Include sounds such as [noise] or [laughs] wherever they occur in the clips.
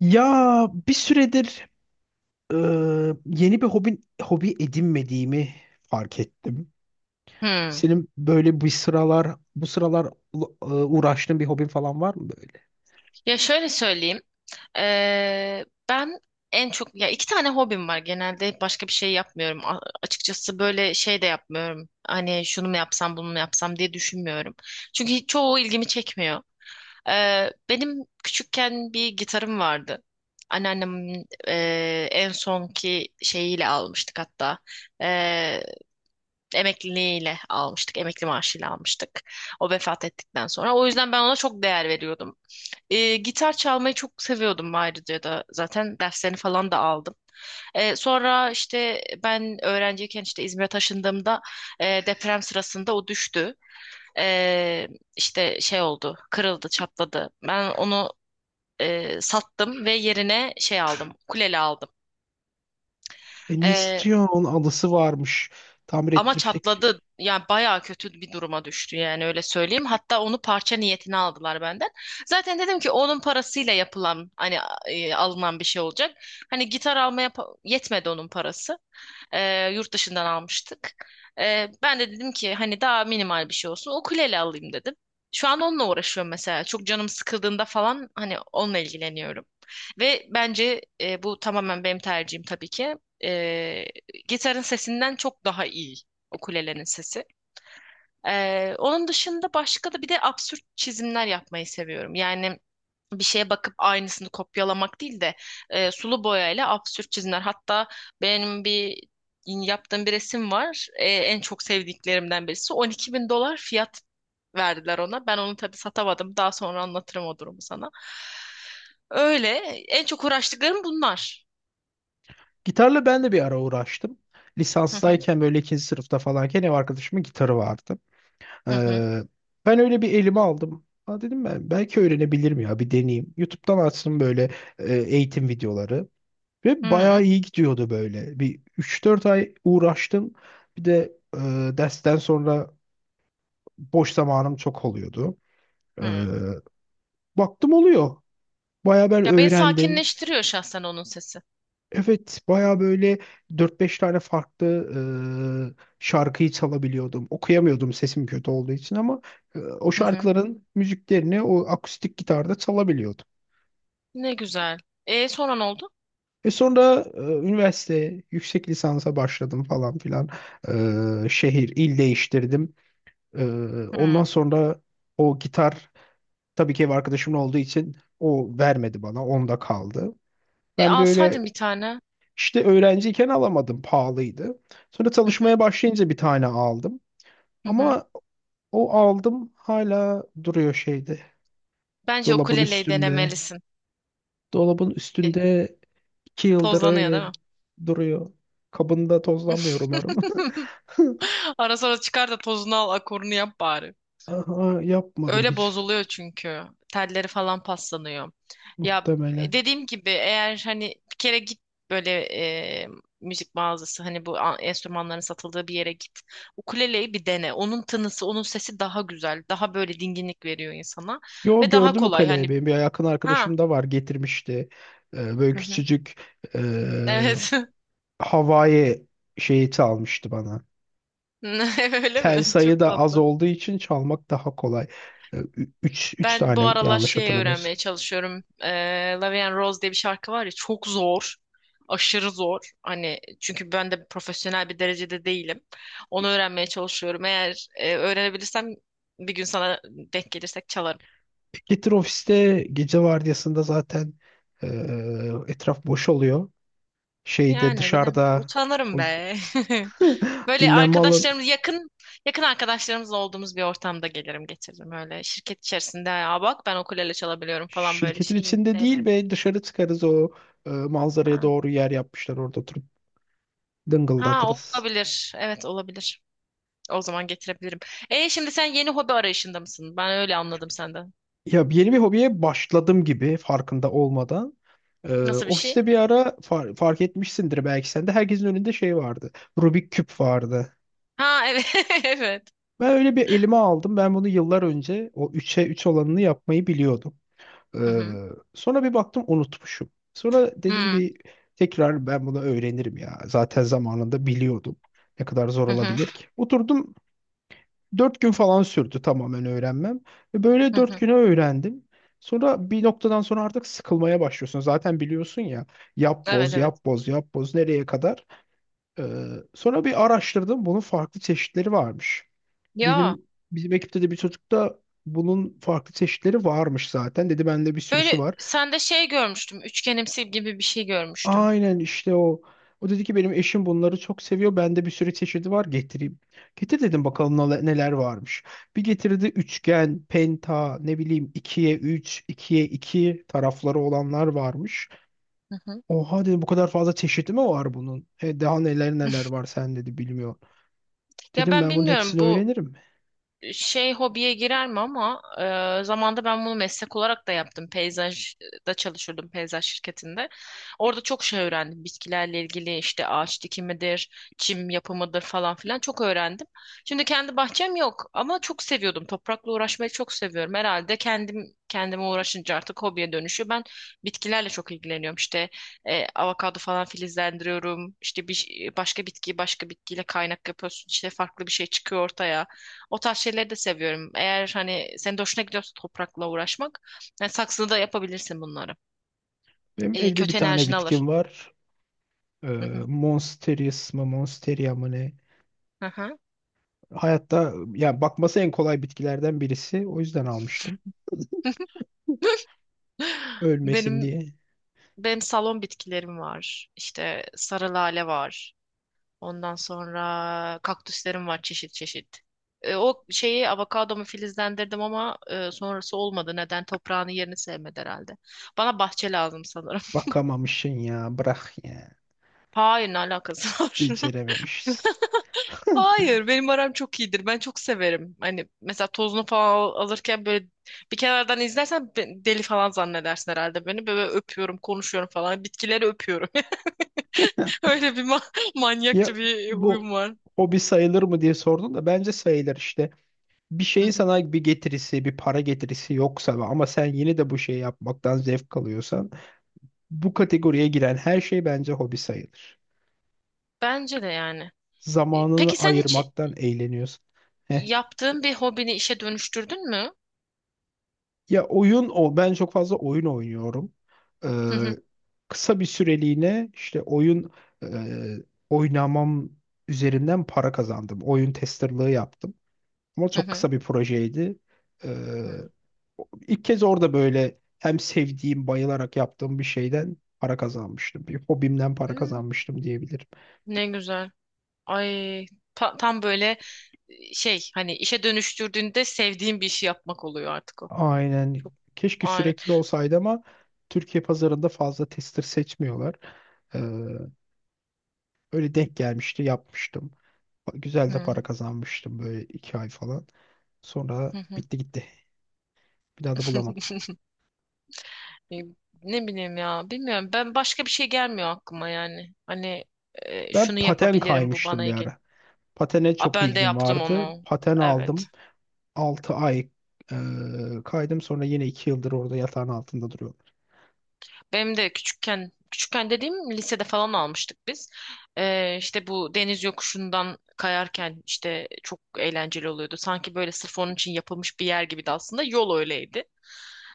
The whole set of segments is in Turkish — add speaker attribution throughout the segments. Speaker 1: Ya bir süredir e, yeni bir hobi edinmediğimi fark ettim.
Speaker 2: Hmm.
Speaker 1: Senin böyle bu sıralar uğraştığın bir hobin falan var mı böyle?
Speaker 2: Ya şöyle söyleyeyim. Ben en çok ya iki tane hobim var. Genelde başka bir şey yapmıyorum. Açıkçası böyle şey de yapmıyorum. Hani şunu mu yapsam bunu mu yapsam diye düşünmüyorum. Çünkü çoğu ilgimi çekmiyor. Benim küçükken bir gitarım vardı. Anneannemin en sonki şeyiyle almıştık hatta. Eee emekliliğiyle almıştık. Emekli maaşıyla almıştık. O vefat ettikten sonra. O yüzden ben ona çok değer veriyordum. Gitar çalmayı çok seviyordum ayrıca da zaten derslerini falan da aldım. Sonra işte ben öğrenciyken işte İzmir'e taşındığımda deprem sırasında o düştü. E, işte şey oldu, kırıldı, çatladı. Ben onu sattım ve yerine şey aldım, kuleli aldım.
Speaker 1: E niye
Speaker 2: E,
Speaker 1: satıyorsun? Onun alısı varmış. Tamir
Speaker 2: Ama
Speaker 1: ettirip tek.
Speaker 2: çatladı. Yani bayağı kötü bir duruma düştü yani öyle söyleyeyim. Hatta onu parça niyetine aldılar benden. Zaten dedim ki onun parasıyla yapılan hani alınan bir şey olacak. Hani gitar almaya yetmedi onun parası. Yurt dışından almıştık. Ben de dedim ki hani daha minimal bir şey olsun. Ukulele alayım dedim. Şu an onunla uğraşıyorum mesela. Çok canım sıkıldığında falan hani onunla ilgileniyorum. Ve bence bu tamamen benim tercihim tabii ki. Ee, gitarın sesinden çok daha iyi o kulelerin sesi. Onun dışında başka da bir de absürt çizimler yapmayı seviyorum. Yani bir şeye bakıp aynısını kopyalamak değil de sulu boyayla absürt çizimler. Hatta benim bir yaptığım bir resim var. En çok sevdiklerimden birisi. 12 bin dolar fiyat verdiler ona. Ben onu tabii satamadım. Daha sonra anlatırım o durumu sana. Öyle. En çok uğraştıklarım bunlar.
Speaker 1: Gitarla ben de bir ara uğraştım.
Speaker 2: Hı hı.
Speaker 1: Lisanstayken böyle ikinci sınıfta falanken ev arkadaşımın gitarı vardı.
Speaker 2: Hı hı.
Speaker 1: Ee, ben öyle bir elime aldım. Ha, dedim, ben belki öğrenebilirim, ya bir deneyeyim. YouTube'dan açtım böyle eğitim videoları.
Speaker 2: Hı
Speaker 1: Ve bayağı
Speaker 2: hı.
Speaker 1: iyi gidiyordu böyle. Bir üç dört ay uğraştım. Bir de dersten sonra boş zamanım çok oluyordu. Ee,
Speaker 2: Hı.
Speaker 1: baktım oluyor. Bayağı ben
Speaker 2: Ya beni
Speaker 1: öğrendim.
Speaker 2: sakinleştiriyor şahsen onun sesi.
Speaker 1: Evet, baya böyle dört beş tane farklı şarkıyı çalabiliyordum. Okuyamıyordum sesim kötü olduğu için, ama o şarkıların müziklerini o akustik gitarda çalabiliyordum.
Speaker 2: Ne güzel. E sonra ne oldu?
Speaker 1: Ve sonra üniversite, yüksek lisansa başladım falan filan. Şehir, il değiştirdim. E,
Speaker 2: Hmm.
Speaker 1: ondan sonra o gitar, tabii ki ev arkadaşımın olduğu için, o vermedi bana, onda kaldı.
Speaker 2: E
Speaker 1: Ben böyle
Speaker 2: alsaydın bir tane.
Speaker 1: İşte öğrenciyken alamadım, pahalıydı. Sonra
Speaker 2: Hı hı.
Speaker 1: çalışmaya başlayınca bir tane aldım.
Speaker 2: Hı hı.
Speaker 1: Ama o aldım hala duruyor şeyde,
Speaker 2: Bence
Speaker 1: dolabın
Speaker 2: ukuleleyi
Speaker 1: üstünde.
Speaker 2: denemelisin.
Speaker 1: Dolabın
Speaker 2: E,
Speaker 1: üstünde 2 yıldır
Speaker 2: Tozlanıyor değil
Speaker 1: öyle
Speaker 2: mi?
Speaker 1: duruyor. Kabında tozlanmıyor umarım.
Speaker 2: [laughs]
Speaker 1: [laughs]
Speaker 2: Ara sıra çıkar da tozunu al, akorunu yap bari.
Speaker 1: Aha, yapmadım
Speaker 2: Öyle
Speaker 1: hiç
Speaker 2: bozuluyor çünkü. Telleri falan paslanıyor. Ya
Speaker 1: muhtemelen.
Speaker 2: dediğim gibi eğer hani bir kere git böyle e, müzik mağazası hani bu enstrümanların satıldığı bir yere git. Ukuleleyi bir dene. Onun tınısı, onun sesi daha güzel, daha böyle dinginlik veriyor insana
Speaker 1: Yo,
Speaker 2: ve daha
Speaker 1: gördüm o
Speaker 2: kolay.
Speaker 1: kaleyi,
Speaker 2: Hani
Speaker 1: benim bir yakın
Speaker 2: Ha,
Speaker 1: arkadaşım da var, getirmişti. Böyle
Speaker 2: Hı hı.
Speaker 1: küçücük e,
Speaker 2: Evet.
Speaker 1: Hawaii şeyi almıştı bana.
Speaker 2: [laughs] Öyle
Speaker 1: Tel
Speaker 2: mi?
Speaker 1: sayı
Speaker 2: Çok
Speaker 1: da az
Speaker 2: tatlı.
Speaker 1: olduğu için çalmak daha kolay. Üç
Speaker 2: Ben bu
Speaker 1: tane,
Speaker 2: aralar
Speaker 1: yanlış
Speaker 2: şey
Speaker 1: hatırlamıyorsun.
Speaker 2: öğrenmeye çalışıyorum. Love and Rose diye bir şarkı var ya çok zor. Aşırı zor. Hani çünkü ben de profesyonel bir derecede değilim. Onu öğrenmeye çalışıyorum. Eğer öğrenebilirsem bir gün sana denk gelirsek çalarım.
Speaker 1: Getir, ofiste gece vardiyasında zaten e, etraf boş oluyor. Şeyde,
Speaker 2: Yani bilmiyorum.
Speaker 1: dışarıda
Speaker 2: Utanırım
Speaker 1: o
Speaker 2: be. [laughs]
Speaker 1: [laughs]
Speaker 2: Böyle
Speaker 1: dinlenme alan,
Speaker 2: arkadaşlarımız yakın yakın arkadaşlarımızla olduğumuz bir ortamda gelirim getiririm öyle şirket içerisinde ya bak ben ukulele çalabiliyorum falan böyle
Speaker 1: şirketin
Speaker 2: şeyi
Speaker 1: içinde değil,
Speaker 2: sevmiyorum.
Speaker 1: ve dışarı çıkarız, o manzaraya
Speaker 2: Ha.
Speaker 1: doğru yer yapmışlar, orada oturup
Speaker 2: Ha
Speaker 1: dıngıldatırız.
Speaker 2: olabilir. Evet olabilir. O zaman getirebilirim. E şimdi sen yeni hobi arayışında mısın? Ben öyle anladım senden.
Speaker 1: Ya, yeni bir hobiye başladım gibi farkında olmadan. Ee,
Speaker 2: Nasıl bir şey?
Speaker 1: ofiste bir ara fark etmişsindir belki sen de, herkesin önünde şey vardı. Rubik küp vardı.
Speaker 2: Ha evet. [laughs] Evet.
Speaker 1: Ben öyle bir elime aldım. Ben bunu yıllar önce o üçe 3 olanını yapmayı biliyordum. Ee,
Speaker 2: Hı.
Speaker 1: sonra bir baktım unutmuşum. Sonra
Speaker 2: Hı
Speaker 1: dedim,
Speaker 2: hı.
Speaker 1: bir tekrar ben bunu öğrenirim ya. Zaten zamanında biliyordum. Ne kadar zor
Speaker 2: Hı.
Speaker 1: olabilir ki? Oturdum. 4 gün falan sürdü tamamen öğrenmem. Ve böyle
Speaker 2: Hı
Speaker 1: dört
Speaker 2: hı.
Speaker 1: güne öğrendim. Sonra bir noktadan sonra artık sıkılmaya başlıyorsun. Zaten biliyorsun ya, yap
Speaker 2: Evet
Speaker 1: boz,
Speaker 2: evet.
Speaker 1: yap boz, yap boz, nereye kadar. Ee, sonra bir araştırdım, bunun farklı çeşitleri varmış.
Speaker 2: Ya
Speaker 1: Bizim ekipte de bir çocuk da, bunun farklı çeşitleri varmış zaten. Dedi bende bir sürüsü
Speaker 2: böyle
Speaker 1: var.
Speaker 2: sende şey görmüştüm. Üçgenimsi gibi bir şey görmüştüm.
Speaker 1: Aynen işte o. O dedi ki, benim eşim bunları çok seviyor. Bende bir sürü çeşidi var, getireyim. Getir dedim, bakalım neler varmış. Bir getirdi, üçgen, penta, ne bileyim, ikiye 3, ikiye 2 tarafları olanlar varmış.
Speaker 2: Hı hı.
Speaker 1: Oha dedim, bu kadar fazla çeşidi mi var bunun? Daha neler neler var, sen dedi, bilmiyorum.
Speaker 2: Ya
Speaker 1: Dedim,
Speaker 2: ben
Speaker 1: ben bunun
Speaker 2: bilmiyorum
Speaker 1: hepsini
Speaker 2: bu,
Speaker 1: öğrenirim.
Speaker 2: şey hobiye girer mi ama zamanda ben bunu meslek olarak da yaptım. Peyzajda çalışıyordum peyzaj şirketinde. Orada çok şey öğrendim. Bitkilerle ilgili işte ağaç dikimidir, çim yapımıdır falan filan çok öğrendim. Şimdi kendi bahçem yok ama çok seviyordum. Toprakla uğraşmayı çok seviyorum. Herhalde kendim kendime uğraşınca artık hobiye dönüşüyor. Ben bitkilerle çok ilgileniyorum. İşte avokado falan filizlendiriyorum. İşte bir başka bitkiyi başka bitkiyle kaynak yapıyorsun. İşte farklı bir şey çıkıyor ortaya. O tarz şeyleri de seviyorum. Eğer hani senin de hoşuna gidiyorsa toprakla uğraşmak, yani saksıda da yapabilirsin bunları.
Speaker 1: Benim evde bir
Speaker 2: Kötü
Speaker 1: tane
Speaker 2: enerjini alır.
Speaker 1: bitkim var. Ee,
Speaker 2: Hı hı.
Speaker 1: Monsteris mı, Monsteria mı ne?
Speaker 2: Hı hı.
Speaker 1: Hayatta, yani, bakması en kolay bitkilerden birisi. O yüzden almıştım. Ölmesin
Speaker 2: Benim
Speaker 1: diye.
Speaker 2: benim salon bitkilerim var. İşte sarı lale var. Ondan sonra kaktüslerim var çeşit çeşit. O şeyi avokadomu filizlendirdim ama sonrası olmadı. Neden? Toprağını yerini sevmedi herhalde. Bana bahçe lazım sanırım.
Speaker 1: Bakamamışsın ya. Bırak ya.
Speaker 2: [laughs] Hayır, ne alakası var? [laughs]
Speaker 1: Becerememişsin.
Speaker 2: Hayır, benim aram çok iyidir. Ben çok severim. Hani mesela tozunu falan alırken böyle bir kenardan izlersen deli falan zannedersin herhalde beni. Böyle öpüyorum, konuşuyorum falan. Bitkileri öpüyorum. [laughs] Öyle bir [laughs]
Speaker 1: Ya,
Speaker 2: manyakça bir
Speaker 1: bu
Speaker 2: huyum var.
Speaker 1: hobi sayılır mı diye sordun da, bence sayılır işte. Bir
Speaker 2: Hı
Speaker 1: şeyin
Speaker 2: hı.
Speaker 1: sana bir getirisi, bir para getirisi yoksa, ama sen yine de bu şeyi yapmaktan zevk alıyorsan, bu kategoriye giren her şey bence hobi sayılır.
Speaker 2: Bence de yani.
Speaker 1: Zamanını
Speaker 2: Peki sen hiç
Speaker 1: ayırmaktan eğleniyorsun.
Speaker 2: yaptığın bir hobini işe dönüştürdün mü?
Speaker 1: Ya, oyun o. Ben çok fazla oyun oynuyorum. Ee,
Speaker 2: Hı hı.
Speaker 1: kısa bir süreliğine işte oyun e, oynamam üzerinden para kazandım. Oyun testerlığı yaptım. Ama
Speaker 2: Hı
Speaker 1: çok
Speaker 2: hı.
Speaker 1: kısa bir projeydi. Ee,
Speaker 2: Hı.
Speaker 1: ilk kez orada böyle hem sevdiğim, bayılarak yaptığım bir şeyden para kazanmıştım. Bir hobimden para
Speaker 2: Hmm,
Speaker 1: kazanmıştım diyebilirim.
Speaker 2: ne güzel. Ay tam böyle şey hani işe dönüştürdüğünde sevdiğin bir işi yapmak oluyor artık o.
Speaker 1: Aynen.
Speaker 2: Çok
Speaker 1: Keşke sürekli olsaydı ama Türkiye pazarında fazla tester seçmiyorlar. Ee, öyle denk gelmişti, yapmıştım. Güzel de
Speaker 2: Hı
Speaker 1: para kazanmıştım böyle 2 ay falan. Sonra
Speaker 2: hı hı.
Speaker 1: bitti gitti. Bir daha da bulamadım.
Speaker 2: [laughs] E, ne bileyim ya bilmiyorum ben başka bir şey gelmiyor aklıma yani hani
Speaker 1: Ben
Speaker 2: şunu
Speaker 1: paten
Speaker 2: yapabilirim bu bana
Speaker 1: kaymıştım bir
Speaker 2: ilgili.
Speaker 1: ara. Patene
Speaker 2: A
Speaker 1: çok
Speaker 2: ben de
Speaker 1: ilgim
Speaker 2: yaptım
Speaker 1: vardı.
Speaker 2: onu
Speaker 1: Paten
Speaker 2: evet
Speaker 1: aldım. 6 ay kaydım. Sonra yine 2 yıldır orada yatağın altında duruyorum.
Speaker 2: benim de küçükken küçükken dediğim lisede falan almıştık biz işte bu deniz yokuşundan kayarken işte çok eğlenceli oluyordu sanki böyle sırf onun için yapılmış bir yer gibiydi aslında yol öyleydi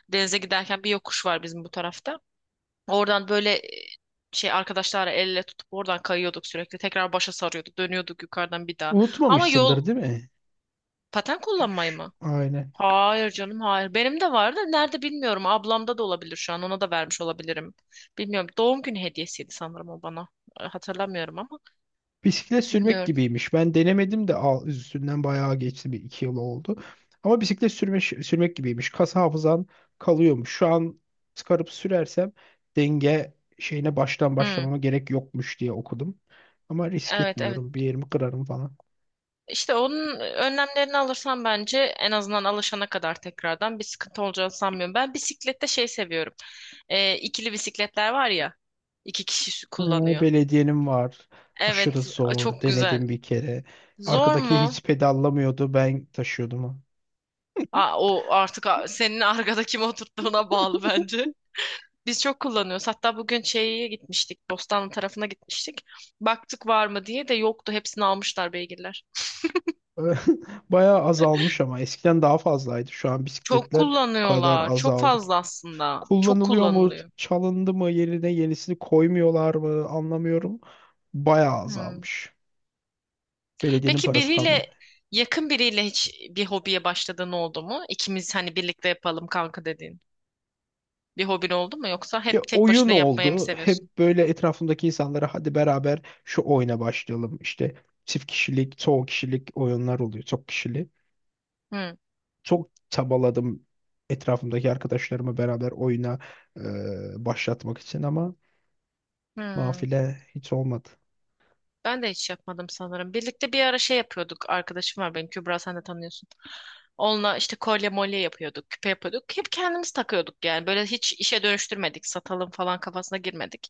Speaker 2: denize giderken bir yokuş var bizim bu tarafta. Oradan böyle şey arkadaşlarla el ele tutup oradan kayıyorduk sürekli. Tekrar başa sarıyorduk. Dönüyorduk yukarıdan bir daha. Ama yol
Speaker 1: Unutmamışsındır değil mi?
Speaker 2: paten kullanmayı mı?
Speaker 1: Aynen.
Speaker 2: Hayır canım hayır. Benim de vardı. Nerede bilmiyorum. Ablamda da olabilir şu an. Ona da vermiş olabilirim. Bilmiyorum. Doğum günü hediyesiydi sanırım o bana. Hatırlamıyorum ama.
Speaker 1: Bisiklet sürmek
Speaker 2: Bilmiyorum.
Speaker 1: gibiymiş. Ben denemedim de üstünden bayağı geçti, bir iki yıl oldu. Ama bisiklet sürmek gibiymiş. Kas hafızan kalıyormuş. Şu an çıkarıp sürersem denge şeyine baştan
Speaker 2: Hmm.
Speaker 1: başlamama gerek yokmuş diye okudum. Ama risk
Speaker 2: Evet evet.
Speaker 1: etmiyorum. Bir yerimi kırarım falan.
Speaker 2: İşte onun önlemlerini alırsan bence en azından alışana kadar tekrardan bir sıkıntı olacağını sanmıyorum. Ben bisiklette şey seviyorum. İkili bisikletler var ya. İki kişi
Speaker 1: Ee,
Speaker 2: kullanıyor.
Speaker 1: belediyenin var. Aşırı
Speaker 2: Evet,
Speaker 1: zor.
Speaker 2: çok güzel.
Speaker 1: Denedim bir kere.
Speaker 2: Zor
Speaker 1: Arkadaki hiç
Speaker 2: mu?
Speaker 1: pedallamıyordu. Ben taşıyordum onu.
Speaker 2: Aa, o artık senin [laughs] arkada kim oturttuğuna bağlı bence. Biz çok kullanıyoruz. Hatta bugün şeye gitmiştik. Bostanlı tarafına gitmiştik. Baktık var mı diye de yoktu. Hepsini almışlar beygirler.
Speaker 1: [laughs] Bayağı azalmış ama eskiden daha fazlaydı. Şu an
Speaker 2: Çok
Speaker 1: bisikletler o kadar
Speaker 2: kullanıyorlar. Çok
Speaker 1: azaldı ki.
Speaker 2: fazla aslında. Çok
Speaker 1: Kullanılıyor mu?
Speaker 2: kullanılıyor.
Speaker 1: Çalındı mı? Yerine yenisini koymuyorlar mı? Anlamıyorum. Bayağı
Speaker 2: Hmm.
Speaker 1: azalmış. Belediyenin
Speaker 2: Peki
Speaker 1: parası
Speaker 2: biriyle
Speaker 1: kalmadı.
Speaker 2: yakın biriyle hiç bir hobiye başladığın oldu mu? İkimiz hani birlikte yapalım kanka dediğin. Bir hobin oldu mu yoksa
Speaker 1: Ya,
Speaker 2: hep tek
Speaker 1: oyun
Speaker 2: başına yapmayı mı
Speaker 1: oldu.
Speaker 2: seviyorsun?
Speaker 1: Hep böyle etrafımdaki insanlara, hadi beraber şu oyuna başlayalım. İşte çift kişilik, çoğu kişilik oyunlar oluyor. Çok kişili.
Speaker 2: Hı.
Speaker 1: Çok çabaladım etrafımdaki arkadaşlarımı beraber oyuna başlatmak için ama
Speaker 2: Hı.
Speaker 1: nafile, hiç olmadı.
Speaker 2: Ben de hiç yapmadım sanırım. Birlikte bir ara şey yapıyorduk. Arkadaşım var benim Kübra sen de tanıyorsun. Onunla işte kolye molye yapıyorduk, küpe yapıyorduk. Hep kendimiz takıyorduk yani. Böyle hiç işe dönüştürmedik, satalım falan kafasına girmedik.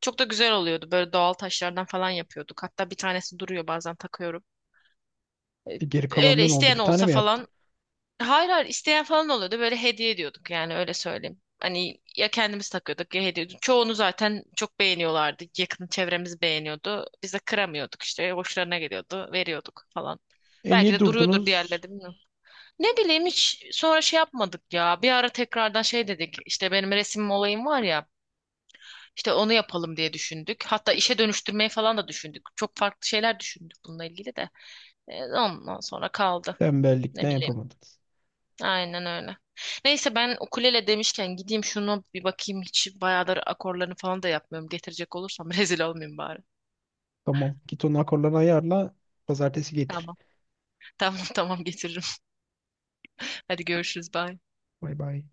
Speaker 2: Çok da güzel oluyordu. Böyle doğal taşlardan falan yapıyorduk. Hatta bir tanesi duruyor bazen takıyorum. E,
Speaker 1: Geri
Speaker 2: Öyle
Speaker 1: kalanından oldu.
Speaker 2: isteyen
Speaker 1: Bir tane
Speaker 2: olsa
Speaker 1: mi yaptım?
Speaker 2: falan Hayır hayır isteyen falan oluyordu. Böyle hediye ediyorduk yani öyle söyleyeyim. Hani ya kendimiz takıyorduk ya hediye ediyorduk. Çoğunu zaten çok beğeniyorlardı. Yakın çevremiz beğeniyordu. Biz de kıramıyorduk işte. Hoşlarına geliyordu. Veriyorduk falan.
Speaker 1: E
Speaker 2: Belki
Speaker 1: niye
Speaker 2: de duruyordur diğerleri
Speaker 1: durdunuz?
Speaker 2: de bilmiyorum. Ne bileyim hiç sonra şey yapmadık ya. Bir ara tekrardan şey dedik. İşte benim resim olayım var ya. İşte onu yapalım diye düşündük. Hatta işe dönüştürmeyi falan da düşündük. Çok farklı şeyler düşündük bununla ilgili de. Ondan sonra kaldı.
Speaker 1: Tembellikten
Speaker 2: Ne bileyim.
Speaker 1: yapamadınız.
Speaker 2: Aynen öyle. Neyse ben ukulele demişken gideyim şunu bir bakayım. Hiç bayağıdır akorlarını falan da yapmıyorum. Getirecek olursam [laughs] rezil olmayayım bari.
Speaker 1: Tamam. Git onun akorlarını ayarla. Pazartesi getir.
Speaker 2: Tamam. Tamam tamam getiririm. Hadi görüşürüz. Bye.
Speaker 1: Bay bay.